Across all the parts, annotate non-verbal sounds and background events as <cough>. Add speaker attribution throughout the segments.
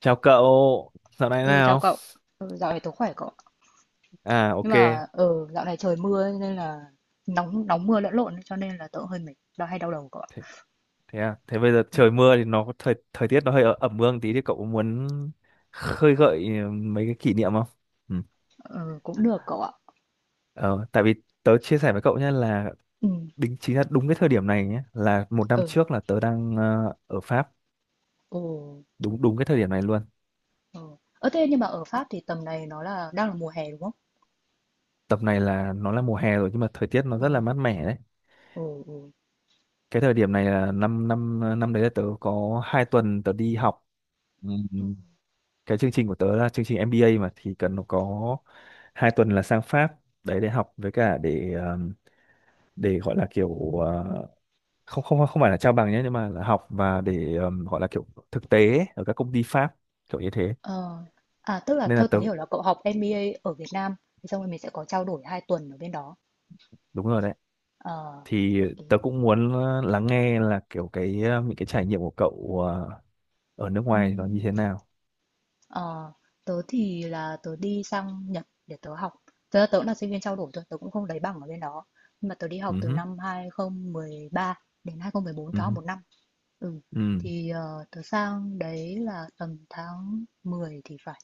Speaker 1: Chào cậu, dạo này thế
Speaker 2: Ừ, Chào
Speaker 1: nào?
Speaker 2: cậu. Dạo này tớ khỏe cậu ạ.
Speaker 1: À
Speaker 2: Nhưng
Speaker 1: ok, thế,
Speaker 2: mà dạo này trời mưa ấy, nên là nóng nóng mưa lẫn lộn ấy, cho nên là tớ hơi mệt, đau đầu cậu ạ.
Speaker 1: thế à, thế bây giờ
Speaker 2: Ừ.
Speaker 1: trời mưa thì nó có thời thời tiết nó hơi ẩm ương tí thì cậu muốn khơi gợi mấy cái kỷ niệm không? Ừ.
Speaker 2: Ừ, Cũng được cậu ạ.
Speaker 1: Ờ, Tại vì tớ chia sẻ với cậu nhé, là
Speaker 2: Ừ,
Speaker 1: đính chính là đúng cái thời điểm này nhé, là một năm
Speaker 2: ừ,
Speaker 1: trước là tớ đang ở Pháp,
Speaker 2: ừ,
Speaker 1: đúng đúng cái thời điểm này luôn.
Speaker 2: ừ. Thế nhưng mà ở Pháp thì tầm này nó đang là mùa hè đúng không?
Speaker 1: Tầm này là nó là mùa hè rồi nhưng mà thời tiết nó
Speaker 2: Ờ,
Speaker 1: rất là mát mẻ đấy.
Speaker 2: ừ, ừ.
Speaker 1: Cái thời điểm này là năm năm năm đấy là tớ có 2 tuần. Ừ.
Speaker 2: Ừ.
Speaker 1: Cái chương trình của tớ là chương trình MBA mà, thì cần nó có 2 tuần đấy để học, với cả để gọi là kiểu không không không phải là trao bằng nhé, nhưng mà là học và để gọi là kiểu thực tế ấy, ở các công ty Pháp, kiểu như thế.
Speaker 2: Ờ, Tức là
Speaker 1: Nên là
Speaker 2: theo tớ
Speaker 1: tớ
Speaker 2: hiểu là cậu học MBA ở Việt Nam, xong rồi mình sẽ có trao đổi 2 tuần ở bên đó.
Speaker 1: đúng rồi đấy.
Speaker 2: Ờ,
Speaker 1: Thì
Speaker 2: ok.
Speaker 1: tớ cũng muốn lắng nghe là kiểu cái những cái trải nghiệm của cậu ở nước ngoài nó như thế nào.
Speaker 2: Ờ, Tớ thì là tớ đi sang Nhật để tớ học. Tớ cũng là sinh viên trao đổi thôi, tớ cũng không lấy bằng ở bên đó. Nhưng mà tớ đi học
Speaker 1: Ừ
Speaker 2: từ
Speaker 1: hứ,
Speaker 2: năm 2013 đến 2014, tớ
Speaker 1: ừ
Speaker 2: học
Speaker 1: hứ,
Speaker 2: 1 năm. Ừ,
Speaker 1: ừ,
Speaker 2: thì tớ sang đấy là tầm tháng 10 thì phải.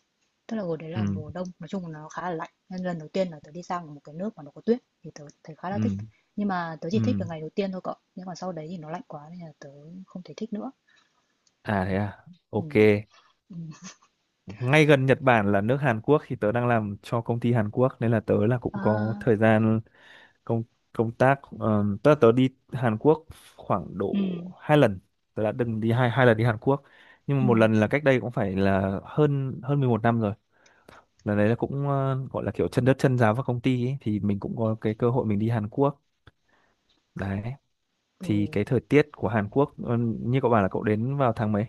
Speaker 2: Tức là hồi đấy
Speaker 1: ừ,
Speaker 2: là mùa đông, nói chung là nó khá là lạnh. Nên lần đầu tiên là tớ đi sang một cái nước mà nó có tuyết thì tớ thấy khá là
Speaker 1: ừ,
Speaker 2: thích. Nhưng mà tớ chỉ
Speaker 1: ừ.
Speaker 2: thích được ngày đầu tiên thôi cậu. Nhưng mà sau đấy thì nó lạnh quá nên là tớ không thể thích nữa.
Speaker 1: À thế à.
Speaker 2: Ừ.
Speaker 1: Ok.
Speaker 2: Ừ.
Speaker 1: Ngay gần Nhật Bản là nước Hàn Quốc thì tớ đang làm cho công ty Hàn Quốc, nên là tớ là cũng có
Speaker 2: À,
Speaker 1: thời gian công công tác, tớ tớ đi Hàn Quốc khoảng độ
Speaker 2: ừ.
Speaker 1: hai lần. Tớ đã từng đi hai hai lần đi Hàn Quốc, nhưng mà
Speaker 2: Ừ.
Speaker 1: một lần là cách đây cũng phải là hơn hơn 11 năm rồi. Lần đấy là cũng gọi là kiểu chân đất chân giáo vào công ty ấy, thì mình cũng có cái cơ hội mình đi Hàn Quốc đấy.
Speaker 2: Ừ.
Speaker 1: Thì cái thời tiết của Hàn Quốc như cậu bảo là cậu đến vào tháng mấy,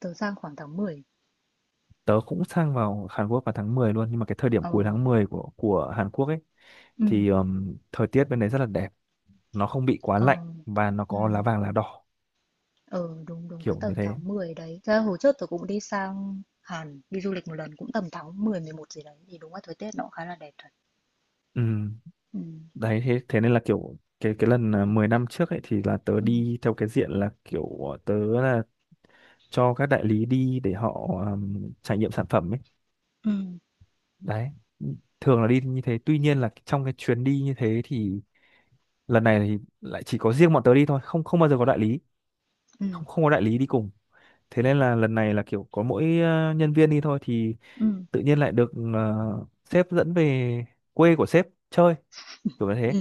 Speaker 2: Tớ sang khoảng tháng mười.
Speaker 1: tớ cũng sang vào Hàn Quốc vào tháng 10 luôn, nhưng mà cái thời điểm
Speaker 2: Ờ,
Speaker 1: cuối tháng 10 của Hàn Quốc ấy
Speaker 2: ừm,
Speaker 1: thì thời tiết bên đấy rất là đẹp, nó không bị quá
Speaker 2: ờ,
Speaker 1: lạnh và nó có lá
Speaker 2: ừm,
Speaker 1: vàng lá đỏ,
Speaker 2: ờ, đúng, đúng cái
Speaker 1: kiểu
Speaker 2: tầm
Speaker 1: như thế.
Speaker 2: tháng 10 đấy. Thật ra hồi trước tớ cũng đi sang Hàn, đi du lịch một lần cũng tầm tháng mười mười một gì đấy. Thì đúng là thời tiết nó cũng khá là đẹp thật.
Speaker 1: Ừm.
Speaker 2: Ừ,
Speaker 1: Đấy thế thế nên là kiểu cái lần 10 năm trước ấy thì là tớ
Speaker 2: ừ,
Speaker 1: đi theo cái diện là kiểu tớ là cho các đại lý đi để họ trải nghiệm sản phẩm ấy.
Speaker 2: ừ,
Speaker 1: Đấy. Thường là đi như thế, tuy nhiên là trong cái chuyến đi như thế thì lần này thì lại chỉ có riêng bọn tớ đi thôi, không không bao giờ có đại lý,
Speaker 2: ừ,
Speaker 1: không không có đại lý đi cùng. Thế nên là lần này là kiểu có mỗi nhân viên đi thôi, thì
Speaker 2: ừ,
Speaker 1: tự nhiên lại được sếp dẫn về quê của sếp chơi, kiểu như thế.
Speaker 2: ừ,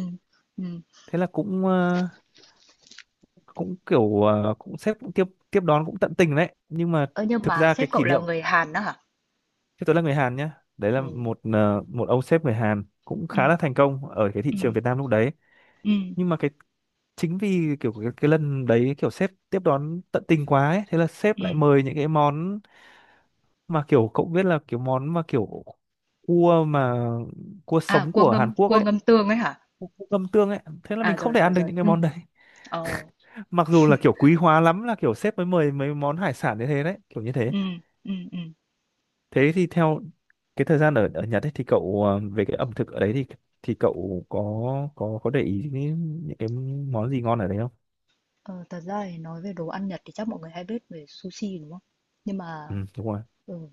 Speaker 2: ừm.
Speaker 1: Thế là cũng cũng kiểu cũng sếp cũng tiếp tiếp đón cũng tận tình đấy, nhưng mà
Speaker 2: Ơ, nhưng
Speaker 1: thực
Speaker 2: mà
Speaker 1: ra
Speaker 2: sếp
Speaker 1: cái
Speaker 2: cậu
Speaker 1: kỷ
Speaker 2: là
Speaker 1: niệm,
Speaker 2: người Hàn đó hả?
Speaker 1: chứ tôi là người Hàn nhá, đấy là
Speaker 2: Ừ,
Speaker 1: một một ông sếp người Hàn cũng
Speaker 2: ừ,
Speaker 1: khá là thành công ở cái thị
Speaker 2: ừ,
Speaker 1: trường Việt Nam lúc đấy.
Speaker 2: ừ,
Speaker 1: Nhưng mà cái chính vì kiểu cái lần đấy kiểu sếp tiếp đón tận tình quá ấy, thế là sếp lại
Speaker 2: ừm.
Speaker 1: mời những cái món mà kiểu cậu biết là kiểu món mà kiểu cua mà cua
Speaker 2: À,
Speaker 1: sống của Hàn Quốc
Speaker 2: cua
Speaker 1: ấy,
Speaker 2: ngâm tương ấy hả?
Speaker 1: cua cua ngâm tương ấy. Thế là mình
Speaker 2: À,
Speaker 1: không
Speaker 2: rồi,
Speaker 1: thể
Speaker 2: rồi,
Speaker 1: ăn được
Speaker 2: rồi.
Speaker 1: những cái
Speaker 2: Ừ,
Speaker 1: món đấy.
Speaker 2: ờ,
Speaker 1: <laughs> Mặc dù là kiểu quý hóa lắm là kiểu sếp mới mời mấy món hải sản như thế đấy, kiểu như thế.
Speaker 2: ừ, ừ, ừ.
Speaker 1: Thế thì theo cái thời gian ở ở Nhật ấy thì cậu về cái ẩm thực ở đấy thì cậu có có để ý những cái món gì ngon ở đấy không?
Speaker 2: Ờ, Thật ra thì nói về đồ ăn Nhật thì chắc mọi người hay biết về sushi đúng không? Nhưng mà
Speaker 1: Ừ đúng rồi.
Speaker 2: ừ,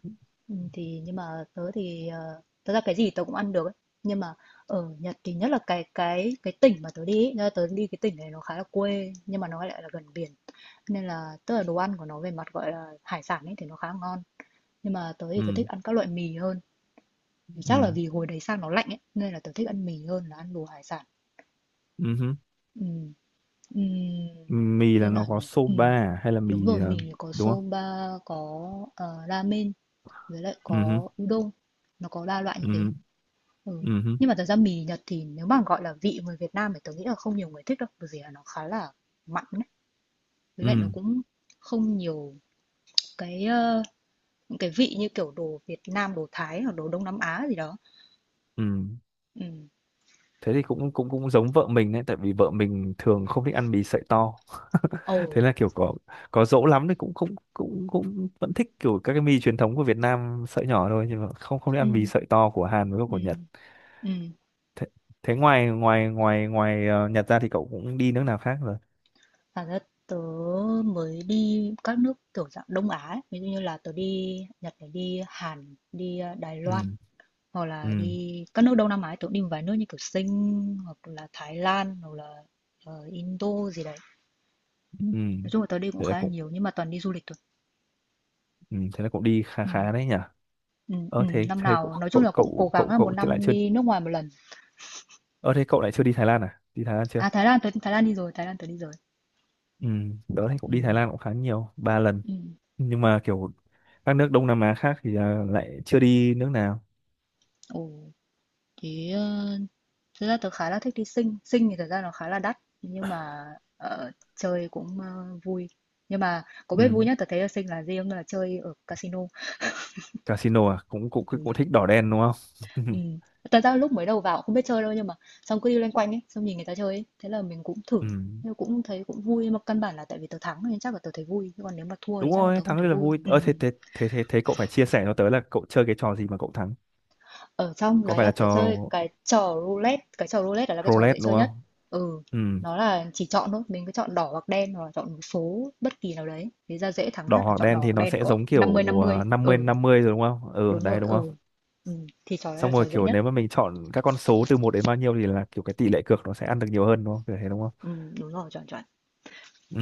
Speaker 2: ừ, thì nhưng mà tớ thì thật ra cái gì tớ cũng ăn được ấy. Nhưng mà ở Nhật thì nhất là cái tỉnh mà tớ đi ấy, tớ đi cái tỉnh này nó khá là quê nhưng mà nó lại là gần biển. Nên là tức là đồ ăn của nó về mặt gọi là hải sản ấy thì nó khá ngon. Nhưng mà tớ thì tớ
Speaker 1: Ừ,
Speaker 2: thích ăn các loại mì hơn. Thì
Speaker 1: ừ,
Speaker 2: chắc là vì hồi đấy sang nó lạnh ấy nên là tớ thích ăn mì hơn là ăn đồ hải sản.
Speaker 1: ừ hứ.
Speaker 2: Ừ, ừ,
Speaker 1: Mì là
Speaker 2: như nào
Speaker 1: nó có
Speaker 2: nhỉ? Ừ.
Speaker 1: soba à? Hay là
Speaker 2: Đúng
Speaker 1: mì
Speaker 2: rồi, mình có
Speaker 1: đúng không?
Speaker 2: soba, có, ramen với lại
Speaker 1: Ừ hứ,
Speaker 2: có udon, nó có 3 loại
Speaker 1: ừ
Speaker 2: như thế.
Speaker 1: hứ,
Speaker 2: Ừ.
Speaker 1: ừ hứ,
Speaker 2: Nhưng mà thật ra mì Nhật thì nếu mà gọi là vị người Việt Nam thì tớ nghĩ là không nhiều người thích đâu, bởi vì là nó khá là mặn ấy. Với lại nó
Speaker 1: ừ.
Speaker 2: cũng không nhiều cái những cái vị như kiểu đồ Việt Nam, đồ Thái hoặc đồ Đông Nam Á gì đó.
Speaker 1: Ừ.
Speaker 2: Ừ.
Speaker 1: Thế thì cũng cũng cũng giống vợ mình đấy, tại vì vợ mình thường không thích ăn mì sợi to.
Speaker 2: Ồ.
Speaker 1: <laughs> Thế là kiểu có dỗ lắm thì cũng cũng cũng cũng vẫn thích kiểu các cái mì truyền thống của Việt Nam sợi nhỏ thôi, nhưng mà không không thích
Speaker 2: Ừ.
Speaker 1: ăn mì sợi to của Hàn với của
Speaker 2: Ừ.
Speaker 1: Nhật.
Speaker 2: Ừ.
Speaker 1: Thế, thế ngoài ngoài ngoài ngoài Nhật ra thì cậu cũng đi nước nào khác rồi?
Speaker 2: Và ra tớ mới đi các nước kiểu dạng Đông Á ấy. Ví dụ như là tớ đi Nhật này, đi Hàn, đi Đài Loan
Speaker 1: Ừ.
Speaker 2: hoặc
Speaker 1: Ừ.
Speaker 2: là đi các nước Đông Nam Á tưởng đi một vài nước như kiểu Sing hoặc là Thái Lan hoặc là Indo gì đấy,
Speaker 1: Ừ.
Speaker 2: nói chung là tớ đi cũng
Speaker 1: Thế là
Speaker 2: khá là
Speaker 1: cũng
Speaker 2: nhiều nhưng mà toàn đi du lịch thôi.
Speaker 1: ừ. Thế là cũng đi khá
Speaker 2: Ừ,
Speaker 1: khá đấy nhỉ.
Speaker 2: ừ, ừ.
Speaker 1: Ờ thế
Speaker 2: Năm
Speaker 1: thế cậu
Speaker 2: nào nói chung
Speaker 1: cậu
Speaker 2: là cũng cố
Speaker 1: cậu
Speaker 2: gắng
Speaker 1: cậu
Speaker 2: là một
Speaker 1: cậu thì lại
Speaker 2: năm
Speaker 1: chưa.
Speaker 2: đi nước ngoài một lần.
Speaker 1: Ờ thế cậu lại chưa đi Thái Lan à? Đi Thái Lan chưa?
Speaker 2: À, Thái Lan tớ, Thái Lan đi rồi, Thái Lan tớ đi rồi.
Speaker 1: Ừ, đó thì cũng
Speaker 2: Ừ,
Speaker 1: đi Thái Lan cũng khá nhiều, ba lần.
Speaker 2: ừ.
Speaker 1: Nhưng mà kiểu các nước Đông Nam Á khác thì lại chưa đi nước nào.
Speaker 2: Ồ, thế thực ra tớ khá là thích đi Sing. Sing thì thật ra nó khá là đắt nhưng mà chơi cũng vui, nhưng mà có biết
Speaker 1: Ừ.
Speaker 2: vui nhất tớ thấy ở Sing là gì không, là chơi ở casino.
Speaker 1: Casino à, cũng cũng
Speaker 2: Ừ.
Speaker 1: cũng thích đỏ đen đúng không?
Speaker 2: Ừ.
Speaker 1: <laughs>
Speaker 2: Thật ra lúc mới đầu vào cũng không biết chơi đâu, nhưng mà xong cứ đi loanh quanh ấy, xong nhìn người ta chơi ấy, thế là mình cũng thử.
Speaker 1: Ừ.
Speaker 2: Nhưng cũng thấy cũng vui, nhưng mà căn bản là tại vì tớ thắng nên chắc là tớ thấy vui, chứ còn nếu mà thua thì
Speaker 1: Đúng
Speaker 2: chắc là
Speaker 1: rồi,
Speaker 2: tớ không
Speaker 1: thắng
Speaker 2: thấy
Speaker 1: rất là
Speaker 2: vui.
Speaker 1: vui.
Speaker 2: Ừ.
Speaker 1: Ờ thế thế thế thế thế cậu phải chia sẻ cho tớ là cậu chơi cái trò gì mà cậu thắng.
Speaker 2: Ở trong
Speaker 1: Có
Speaker 2: đấy
Speaker 1: phải
Speaker 2: là
Speaker 1: là
Speaker 2: tớ
Speaker 1: trò
Speaker 2: chơi cái trò roulette. Cái trò roulette là cái trò
Speaker 1: roulette
Speaker 2: dễ
Speaker 1: đúng
Speaker 2: chơi nhất.
Speaker 1: không?
Speaker 2: Ừ,
Speaker 1: Ừ.
Speaker 2: nó là chỉ chọn thôi, mình cứ chọn đỏ hoặc đen, hoặc là chọn một số bất kỳ nào đấy, thế ra dễ thắng
Speaker 1: Đỏ
Speaker 2: nhất là
Speaker 1: hoặc
Speaker 2: chọn đỏ
Speaker 1: đen thì
Speaker 2: hoặc
Speaker 1: nó
Speaker 2: đen
Speaker 1: sẽ
Speaker 2: cậu ạ,
Speaker 1: giống
Speaker 2: năm mươi
Speaker 1: kiểu
Speaker 2: năm mươi. Ừ,
Speaker 1: 50 rồi đúng không?
Speaker 2: đúng
Speaker 1: Ừ đấy
Speaker 2: rồi,
Speaker 1: đúng không?
Speaker 2: ừ. Ừ, thì trò đấy là
Speaker 1: Xong rồi
Speaker 2: trò dễ
Speaker 1: kiểu
Speaker 2: nhất.
Speaker 1: nếu mà mình chọn các con số từ một đến bao nhiêu thì là kiểu cái tỷ lệ cược nó sẽ ăn được nhiều hơn đúng không, kiểu thế đúng.
Speaker 2: Ừ, đúng rồi, chuẩn chuẩn.
Speaker 1: Ừ.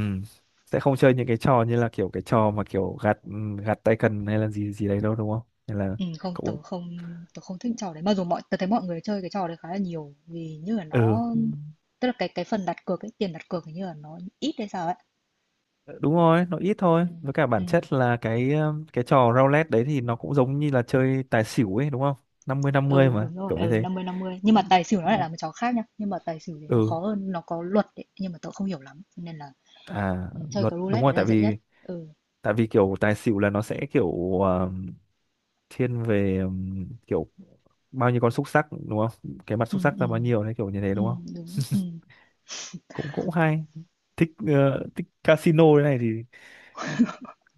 Speaker 1: Sẽ không chơi những cái trò như là kiểu cái trò mà kiểu gạt gạt tay cần hay là gì gì đấy đâu đúng không, nên là
Speaker 2: Không,
Speaker 1: cũng
Speaker 2: tớ không thích trò đấy. Mặc dù mọi, tớ thấy mọi người chơi cái trò đấy khá là nhiều, vì như là
Speaker 1: ừ.
Speaker 2: nó, tức là cái phần đặt cược ấy, tiền đặt cược hình như là nó ít hay sao ấy.
Speaker 1: Ờ, đúng rồi, nó ít thôi,
Speaker 2: Ừ,
Speaker 1: với cả
Speaker 2: ừ,
Speaker 1: bản chất là cái trò roulette đấy thì nó cũng giống như là chơi tài xỉu ấy đúng không? Năm mươi năm mươi
Speaker 2: ừ
Speaker 1: mà,
Speaker 2: đúng rồi,
Speaker 1: kiểu như
Speaker 2: ừ
Speaker 1: thế.
Speaker 2: 50/50. Nhưng mà tài xỉu nó lại là một trò khác nhá. Nhưng mà tài xỉu thì nó
Speaker 1: Ừ
Speaker 2: khó hơn, nó có luật ấy, nhưng mà tớ không hiểu lắm. Cho nên là
Speaker 1: à.
Speaker 2: ừ, chơi
Speaker 1: Luật
Speaker 2: cái
Speaker 1: đúng
Speaker 2: roulette
Speaker 1: rồi,
Speaker 2: đấy
Speaker 1: tại
Speaker 2: là dễ nhất.
Speaker 1: vì
Speaker 2: Ừ,
Speaker 1: kiểu tài xỉu là nó sẽ kiểu um, thiên về kiểu bao nhiêu con xúc xắc đúng không, cái mặt
Speaker 2: ừ,
Speaker 1: xúc xắc
Speaker 2: ừ,
Speaker 1: ra bao nhiêu đấy, kiểu như thế
Speaker 2: ừ
Speaker 1: đúng không?
Speaker 2: đúng. Ừ.
Speaker 1: Cũng cũng hay thích thích casino thế này thì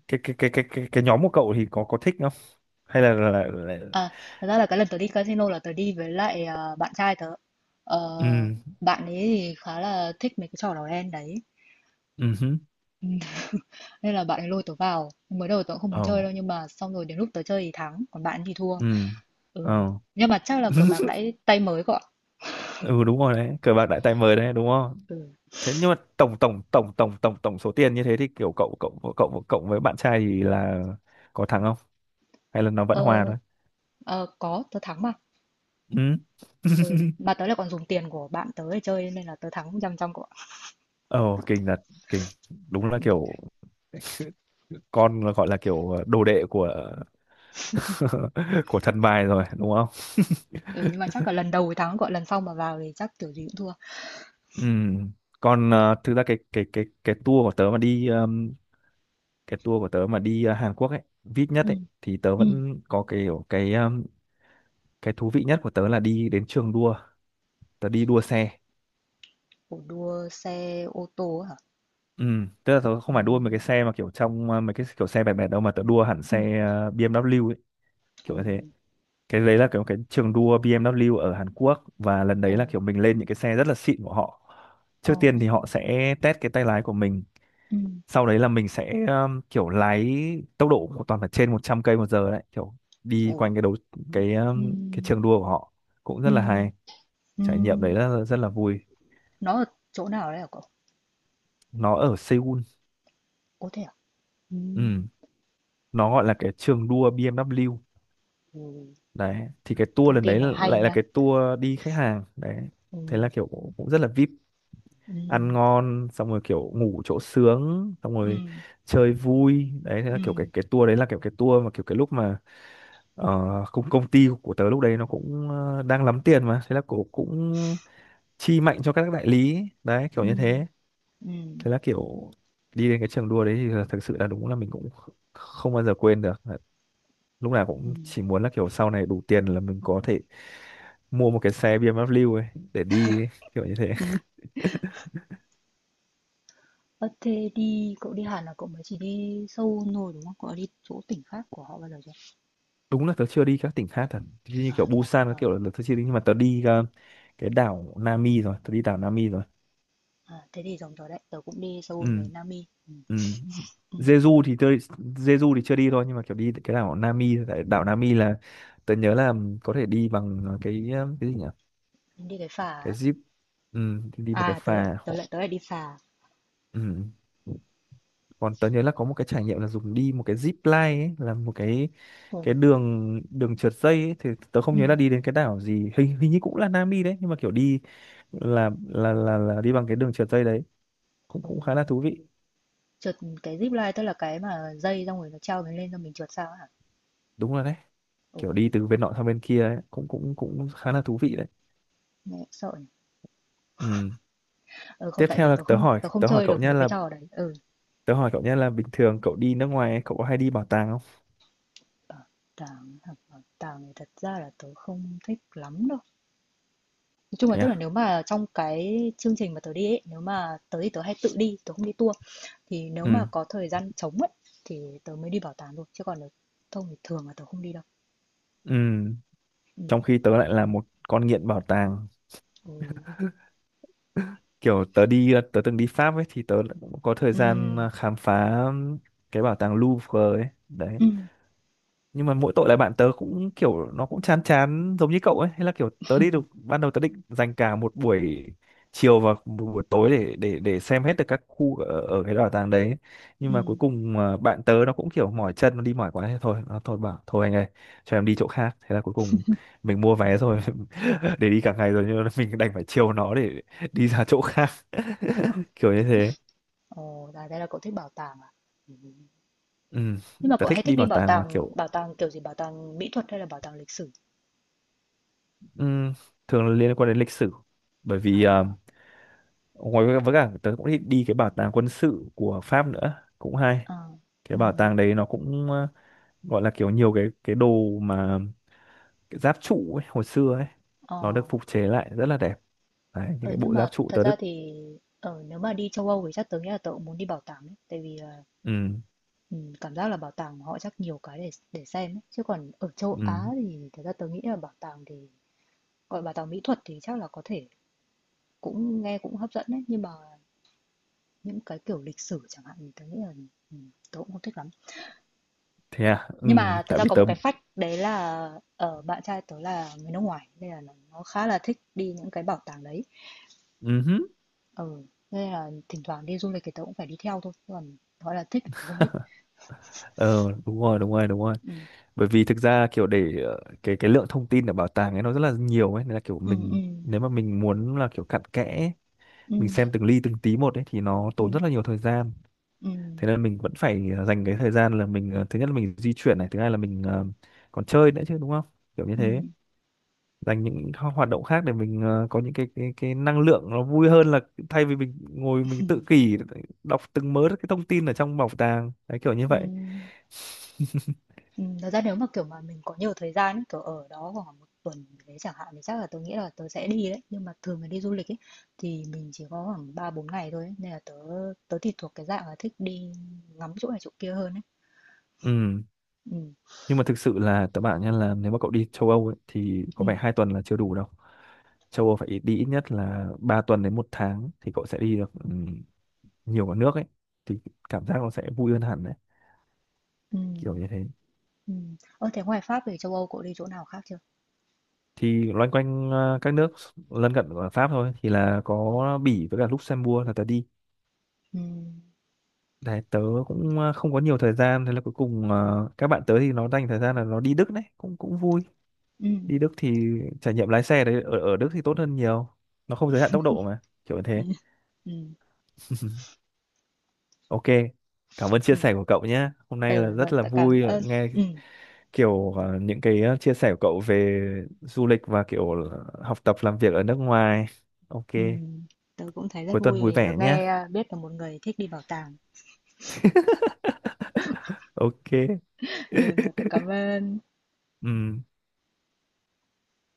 Speaker 1: cái nhóm của cậu thì có thích không, hay là là...
Speaker 2: À, thật ra là cái lần tớ đi casino là tớ đi với lại bạn trai tớ. Ờ,
Speaker 1: ừ.
Speaker 2: bạn ấy thì khá là thích mấy cái trò đỏ đen đấy.
Speaker 1: Ừ hứ.
Speaker 2: <laughs> Nên là bạn ấy lôi tớ vào, mới đầu tớ cũng không muốn
Speaker 1: Ồ.
Speaker 2: chơi đâu, nhưng mà xong rồi đến lúc tớ chơi thì thắng, còn bạn ấy thì thua.
Speaker 1: Ừ.
Speaker 2: Ừ.
Speaker 1: Ồ.
Speaker 2: Nhưng mà chắc là cờ bạc
Speaker 1: <laughs>
Speaker 2: đãi tay mới cậu ạ.
Speaker 1: Ừ đúng rồi đấy, cờ bạc đại tay mời đấy đúng không?
Speaker 2: Ừ.
Speaker 1: Thế nhưng mà tổng tổng tổng tổng tổng tổng số tiền như thế thì kiểu cậu cậu cậu cậu với bạn trai thì là có thắng không, hay là nó vẫn hòa
Speaker 2: Ờ,
Speaker 1: thôi?
Speaker 2: ờ, có, tớ thắng mà.
Speaker 1: Ừ.
Speaker 2: Ừ. Mà tớ lại còn dùng tiền của bạn tớ để chơi nên là tớ thắng trăm trăm cậu ạ.
Speaker 1: Ồ kinh thật. Kinh. Đúng là
Speaker 2: Ừ,
Speaker 1: kiểu con là gọi là kiểu đồ đệ của <laughs> của thần bài rồi đúng không?
Speaker 2: ừ. Nhưng mà chắc là lần đầu thì thắng cậu ạ, lần sau mà vào thì chắc kiểu gì cũng thua.
Speaker 1: Ừ. Còn thực ra cái tour của tớ mà đi cái tour của tớ mà đi Hàn Quốc ấy, vip nhất
Speaker 2: Ừ.
Speaker 1: ấy thì tớ
Speaker 2: Ừ.
Speaker 1: vẫn có cái kiểu cái thú vị nhất của tớ là đi đến trường đua, tớ đi đua xe.
Speaker 2: Ủa, đua xe ô tô hả?
Speaker 1: Ừ, tức là tớ
Speaker 2: Ừ.
Speaker 1: không phải đua mấy cái xe mà kiểu trong mấy cái kiểu xe bẹt bẹt đâu, mà tớ đua hẳn
Speaker 2: Ừ.
Speaker 1: xe BMW ấy, kiểu như thế.
Speaker 2: Ừ.
Speaker 1: Cái đấy là kiểu cái trường đua BMW ở Hàn Quốc, và lần
Speaker 2: Ồ.
Speaker 1: đấy là kiểu mình lên những cái xe rất là xịn của họ.
Speaker 2: Ồ.
Speaker 1: Trước tiên thì họ sẽ test cái tay lái của mình,
Speaker 2: Ừ.
Speaker 1: sau đấy là mình sẽ kiểu lái tốc độ của toàn phải trên 100 cây một giờ đấy, kiểu đi
Speaker 2: Ồ.
Speaker 1: quanh cái đấu
Speaker 2: Ừ.
Speaker 1: cái trường đua của họ, cũng rất
Speaker 2: Ừ.
Speaker 1: là hay.
Speaker 2: Ừ.
Speaker 1: Trải nghiệm đấy là rất là vui.
Speaker 2: Nó ở chỗ nào đấy hả cậu?
Speaker 1: Nó ở Seoul.
Speaker 2: Có thể ừm,
Speaker 1: Ừ. Nó gọi là cái trường đua BMW
Speaker 2: ừm,
Speaker 1: đấy. Thì cái tour
Speaker 2: thông
Speaker 1: lần
Speaker 2: tin
Speaker 1: đấy
Speaker 2: này hay
Speaker 1: lại là
Speaker 2: nha.
Speaker 1: cái tour đi khách hàng đấy, thế là
Speaker 2: Ừm,
Speaker 1: kiểu cũng cũng rất là VIP, ăn
Speaker 2: ừm,
Speaker 1: ngon xong rồi kiểu ngủ chỗ sướng xong rồi
Speaker 2: ừm,
Speaker 1: chơi vui đấy. Thế là kiểu cái
Speaker 2: ừm,
Speaker 1: cái tour đấy là kiểu cái tour mà kiểu cái lúc mà uh, công công ty của tớ lúc đấy nó cũng đang lắm tiền, mà thế là cổ cũng chi mạnh cho các đại lý đấy, kiểu như
Speaker 2: ừm,
Speaker 1: thế.
Speaker 2: ừm,
Speaker 1: Thế là kiểu đi đến cái trường đua đấy thì là thực sự là đúng là mình cũng không bao giờ quên được, lúc nào cũng chỉ
Speaker 2: ừm,
Speaker 1: muốn là kiểu sau này đủ tiền là mình có thể mua một cái xe BMW ấy để đi ấy, kiểu như thế.
Speaker 2: ừm. Ơ, thế đi, cậu đi Hàn là cậu mới chỉ đi Seoul thôi đúng không? Cậu đã đi chỗ tỉnh khác của họ bao giờ chưa?
Speaker 1: Đúng là tớ chưa đi các tỉnh khác thật, chứ như
Speaker 2: À
Speaker 1: kiểu
Speaker 2: thế à?
Speaker 1: Busan các
Speaker 2: Ờ,
Speaker 1: kiểu là tớ chưa đi, nhưng mà tớ đi cái đảo Nami rồi, tớ đi đảo Nami rồi.
Speaker 2: à, thế thì giống tớ đấy, tớ cũng đi Seoul với
Speaker 1: Ừ.
Speaker 2: Nami.
Speaker 1: Ừ.
Speaker 2: Ừm,
Speaker 1: Jeju thì tớ, Jeju thì chưa đi thôi, nhưng mà kiểu đi cái đảo Nami, tại đảo Nami là tớ nhớ là có thể đi bằng cái cái gì nhỉ,
Speaker 2: nhưng đi cái phà
Speaker 1: cái
Speaker 2: ấy.
Speaker 1: jeep. Ừ, thì đi một cái
Speaker 2: À, tớ lại
Speaker 1: phà
Speaker 2: tớ
Speaker 1: họ.
Speaker 2: lại tớ lại đi phà.
Speaker 1: Ừ, còn tớ nhớ là có một cái trải nghiệm là dùng đi một cái zip line ấy, là một cái
Speaker 2: Ừm,
Speaker 1: đường đường trượt dây ấy, thì tớ không nhớ là
Speaker 2: ừm,
Speaker 1: đi đến cái đảo gì, hình hình như cũng là Nam đi đấy, nhưng mà kiểu đi là đi bằng cái đường trượt dây đấy, cũng cũng khá
Speaker 2: ừm.
Speaker 1: là thú vị.
Speaker 2: Trượt cái zip line tức là cái mà dây xong rồi nó treo mình lên cho mình trượt sao ấy hả?
Speaker 1: Đúng rồi đấy,
Speaker 2: Ồ,
Speaker 1: kiểu đi từ bên nọ sang bên kia ấy. Cũng cũng cũng khá là thú vị đấy.
Speaker 2: nghe sợ nhỉ.
Speaker 1: Ừ.
Speaker 2: Ừ, không
Speaker 1: Tiếp
Speaker 2: tại
Speaker 1: theo
Speaker 2: vì
Speaker 1: là
Speaker 2: tớ không, tớ không
Speaker 1: tớ hỏi
Speaker 2: chơi
Speaker 1: cậu
Speaker 2: được
Speaker 1: nhé,
Speaker 2: mấy cái
Speaker 1: là
Speaker 2: trò đấy. Ừ,
Speaker 1: tớ hỏi cậu nhé là bình thường cậu đi nước ngoài ấy, cậu có hay đi bảo tàng không?
Speaker 2: bảo tàng, học bảo tàng thì thật ra là tớ không thích lắm đâu. Nói chung là,
Speaker 1: Thế
Speaker 2: tức là
Speaker 1: à.
Speaker 2: nếu mà trong cái chương trình mà tớ đi ấy, nếu mà tớ thì tớ hay tự đi, tớ không đi tour. Thì nếu
Speaker 1: Ừ.
Speaker 2: mà có thời gian trống ấy thì tớ mới đi bảo tàng thôi, chứ còn nếu không thì thường là tớ không đi đâu.
Speaker 1: Ừ.
Speaker 2: Ừ.
Speaker 1: Trong khi tớ lại là một con nghiện bảo tàng,
Speaker 2: Ừ.
Speaker 1: kiểu tớ đi, tớ từng đi Pháp ấy thì tớ cũng có thời
Speaker 2: Ừ.
Speaker 1: gian khám phá cái bảo tàng Louvre ấy đấy.
Speaker 2: Ừ.
Speaker 1: Nhưng mà mỗi tội là bạn tớ cũng kiểu nó cũng chán chán giống như cậu ấy, hay là kiểu tớ đi được,
Speaker 2: <laughs>
Speaker 1: ban đầu tớ định dành cả một buổi chiều và một buổi tối để xem hết được các khu ở, ở cái bảo tàng đấy, nhưng
Speaker 2: Ừ.
Speaker 1: mà cuối
Speaker 2: Ừ.
Speaker 1: cùng bạn tớ nó cũng kiểu mỏi chân, nó đi mỏi quá thế thôi, nó thôi bảo thôi anh ơi cho em đi chỗ khác, thế là cuối cùng mình mua
Speaker 2: Ừ.
Speaker 1: vé rồi <laughs> để đi cả ngày rồi, nhưng mà mình đành phải chiều nó để đi ra chỗ khác <laughs> kiểu như thế.
Speaker 2: Ồ, à, thế là cậu thích bảo tàng à? Ừ.
Speaker 1: Ừ,
Speaker 2: Nhưng mà
Speaker 1: tớ
Speaker 2: cậu
Speaker 1: thích
Speaker 2: hay thích
Speaker 1: đi
Speaker 2: đi
Speaker 1: bảo tàng mà kiểu,
Speaker 2: bảo tàng kiểu gì? Bảo tàng mỹ thuật hay là bảo tàng lịch sử?
Speaker 1: ừ, thường là liên quan đến lịch sử, bởi vì
Speaker 2: À.
Speaker 1: ngoài với cả tớ cũng thích đi cái bảo tàng quân sự của Pháp nữa, cũng hay.
Speaker 2: Ờ,
Speaker 1: Cái bảo
Speaker 2: ừm,
Speaker 1: tàng đấy nó cũng gọi là kiểu nhiều cái đồ mà, cái giáp trụ ấy, hồi xưa ấy,
Speaker 2: ờ,
Speaker 1: nó được phục chế lại rất là đẹp đấy, những
Speaker 2: ờ
Speaker 1: cái
Speaker 2: nhưng
Speaker 1: bộ
Speaker 2: mà
Speaker 1: giáp trụ
Speaker 2: thật
Speaker 1: tớ
Speaker 2: ra
Speaker 1: đứt.
Speaker 2: thì nếu mà đi châu Âu thì chắc tớ nghĩ là tớ cũng muốn đi bảo tàng đấy, tại vì là
Speaker 1: Ừ.
Speaker 2: cảm giác là bảo tàng họ chắc nhiều cái để xem ấy. Chứ còn ở châu
Speaker 1: Ừ.
Speaker 2: Á thì thật ra tớ nghĩ là bảo tàng thì gọi bảo tàng mỹ thuật thì chắc là có thể cũng nghe cũng hấp dẫn đấy, nhưng mà những cái kiểu lịch sử chẳng hạn thì tớ nghĩ là tớ cũng không thích lắm.
Speaker 1: Thế à. Ừ.
Speaker 2: Nhưng mà thật
Speaker 1: Tại
Speaker 2: ra
Speaker 1: vì
Speaker 2: có
Speaker 1: tớ.
Speaker 2: một cái fact đấy là ở bạn trai tớ là người nước ngoài nên là nó khá là thích đi những cái bảo tàng đấy.
Speaker 1: Ừ hứ.
Speaker 2: Ừ, nên là thỉnh thoảng đi du lịch thì tớ cũng phải đi theo thôi, còn gọi là thích thì tớ không thích.
Speaker 1: Ờ, đúng rồi, đúng rồi, đúng rồi,
Speaker 2: Ừ,
Speaker 1: bởi vì thực ra kiểu để cái lượng thông tin ở bảo tàng ấy nó rất là nhiều ấy, nên là kiểu
Speaker 2: ừ, ừ,
Speaker 1: mình, nếu mà mình muốn là kiểu cặn kẽ ấy,
Speaker 2: ừ,
Speaker 1: mình xem từng ly từng tí một ấy thì nó
Speaker 2: ừ,
Speaker 1: tốn rất là nhiều thời gian,
Speaker 2: ừ,
Speaker 1: thế nên mình vẫn phải dành cái thời gian là mình thứ nhất là mình di chuyển này, thứ hai là mình, ờ, còn chơi nữa chứ, đúng không, kiểu như
Speaker 2: ừ,
Speaker 1: thế, dành những hoạt động khác để mình có những cái năng lượng nó vui hơn là thay vì mình ngồi mình tự kỷ đọc từng mớ cái thông tin ở trong bảo tàng đấy, kiểu như
Speaker 2: ừ,
Speaker 1: vậy. <laughs>
Speaker 2: ừ. Thật ra nếu mà kiểu mà mình có nhiều thời gian ấy, kiểu ở đó khoảng 1 tuần gì đấy chẳng hạn thì chắc là tớ nghĩ là tớ sẽ đi đấy. Nhưng mà thường là đi du lịch ấy, thì mình chỉ có khoảng 3 4 ngày thôi ấy. Nên là tớ, tớ thì thuộc cái dạng là thích đi ngắm chỗ này chỗ kia hơn ấy.
Speaker 1: Ừ.
Speaker 2: Ừ,
Speaker 1: Nhưng mà thực sự là các bạn nhá, là nếu mà cậu đi châu Âu ấy, thì có
Speaker 2: ừ,
Speaker 1: vẻ 2 tuần là chưa đủ đâu,
Speaker 2: ừ,
Speaker 1: châu Âu phải đi ít nhất là 3 tuần đến 1 tháng thì cậu sẽ đi được, ừ, nhiều cả nước ấy, thì cảm giác nó sẽ vui hơn hẳn đấy,
Speaker 2: ừ,
Speaker 1: kiểu như thế.
Speaker 2: ừ. Ờ, thế ngoài Pháp về châu Âu cậu đi chỗ nào khác chưa?
Speaker 1: Thì loanh quanh các nước lân cận của Pháp thôi, thì là có Bỉ với cả Luxembourg là tớ đi
Speaker 2: Ừ,
Speaker 1: đấy. Tớ cũng không có nhiều thời gian, thế là cuối cùng các bạn tớ thì nó dành thời gian là nó đi Đức đấy, cũng cũng vui.
Speaker 2: ừ,
Speaker 1: Đi Đức thì trải nghiệm lái xe đấy ở ở Đức thì tốt hơn nhiều, nó không giới hạn tốc độ mà, kiểu như
Speaker 2: ừ,
Speaker 1: thế.
Speaker 2: ừ.
Speaker 1: Ok, cảm ơn chia
Speaker 2: Ừ,
Speaker 1: sẻ của cậu nhé, hôm nay là
Speaker 2: ừ rồi,
Speaker 1: rất là
Speaker 2: tớ cảm
Speaker 1: vui
Speaker 2: ơn.
Speaker 1: nghe,
Speaker 2: Ừ,
Speaker 1: kiểu ờ, những cái ờ, chia sẻ của cậu về du lịch và kiểu ờ, học tập làm việc ở nước ngoài. Ok,
Speaker 2: ừ, tớ cũng thấy rất
Speaker 1: cuối tuần
Speaker 2: vui
Speaker 1: vui
Speaker 2: vì được
Speaker 1: vẻ nhé.
Speaker 2: nghe à, biết là một người thích đi bảo tàng.
Speaker 1: Ok.
Speaker 2: Ừ, rồi, tớ cảm ơn.
Speaker 1: Ừ.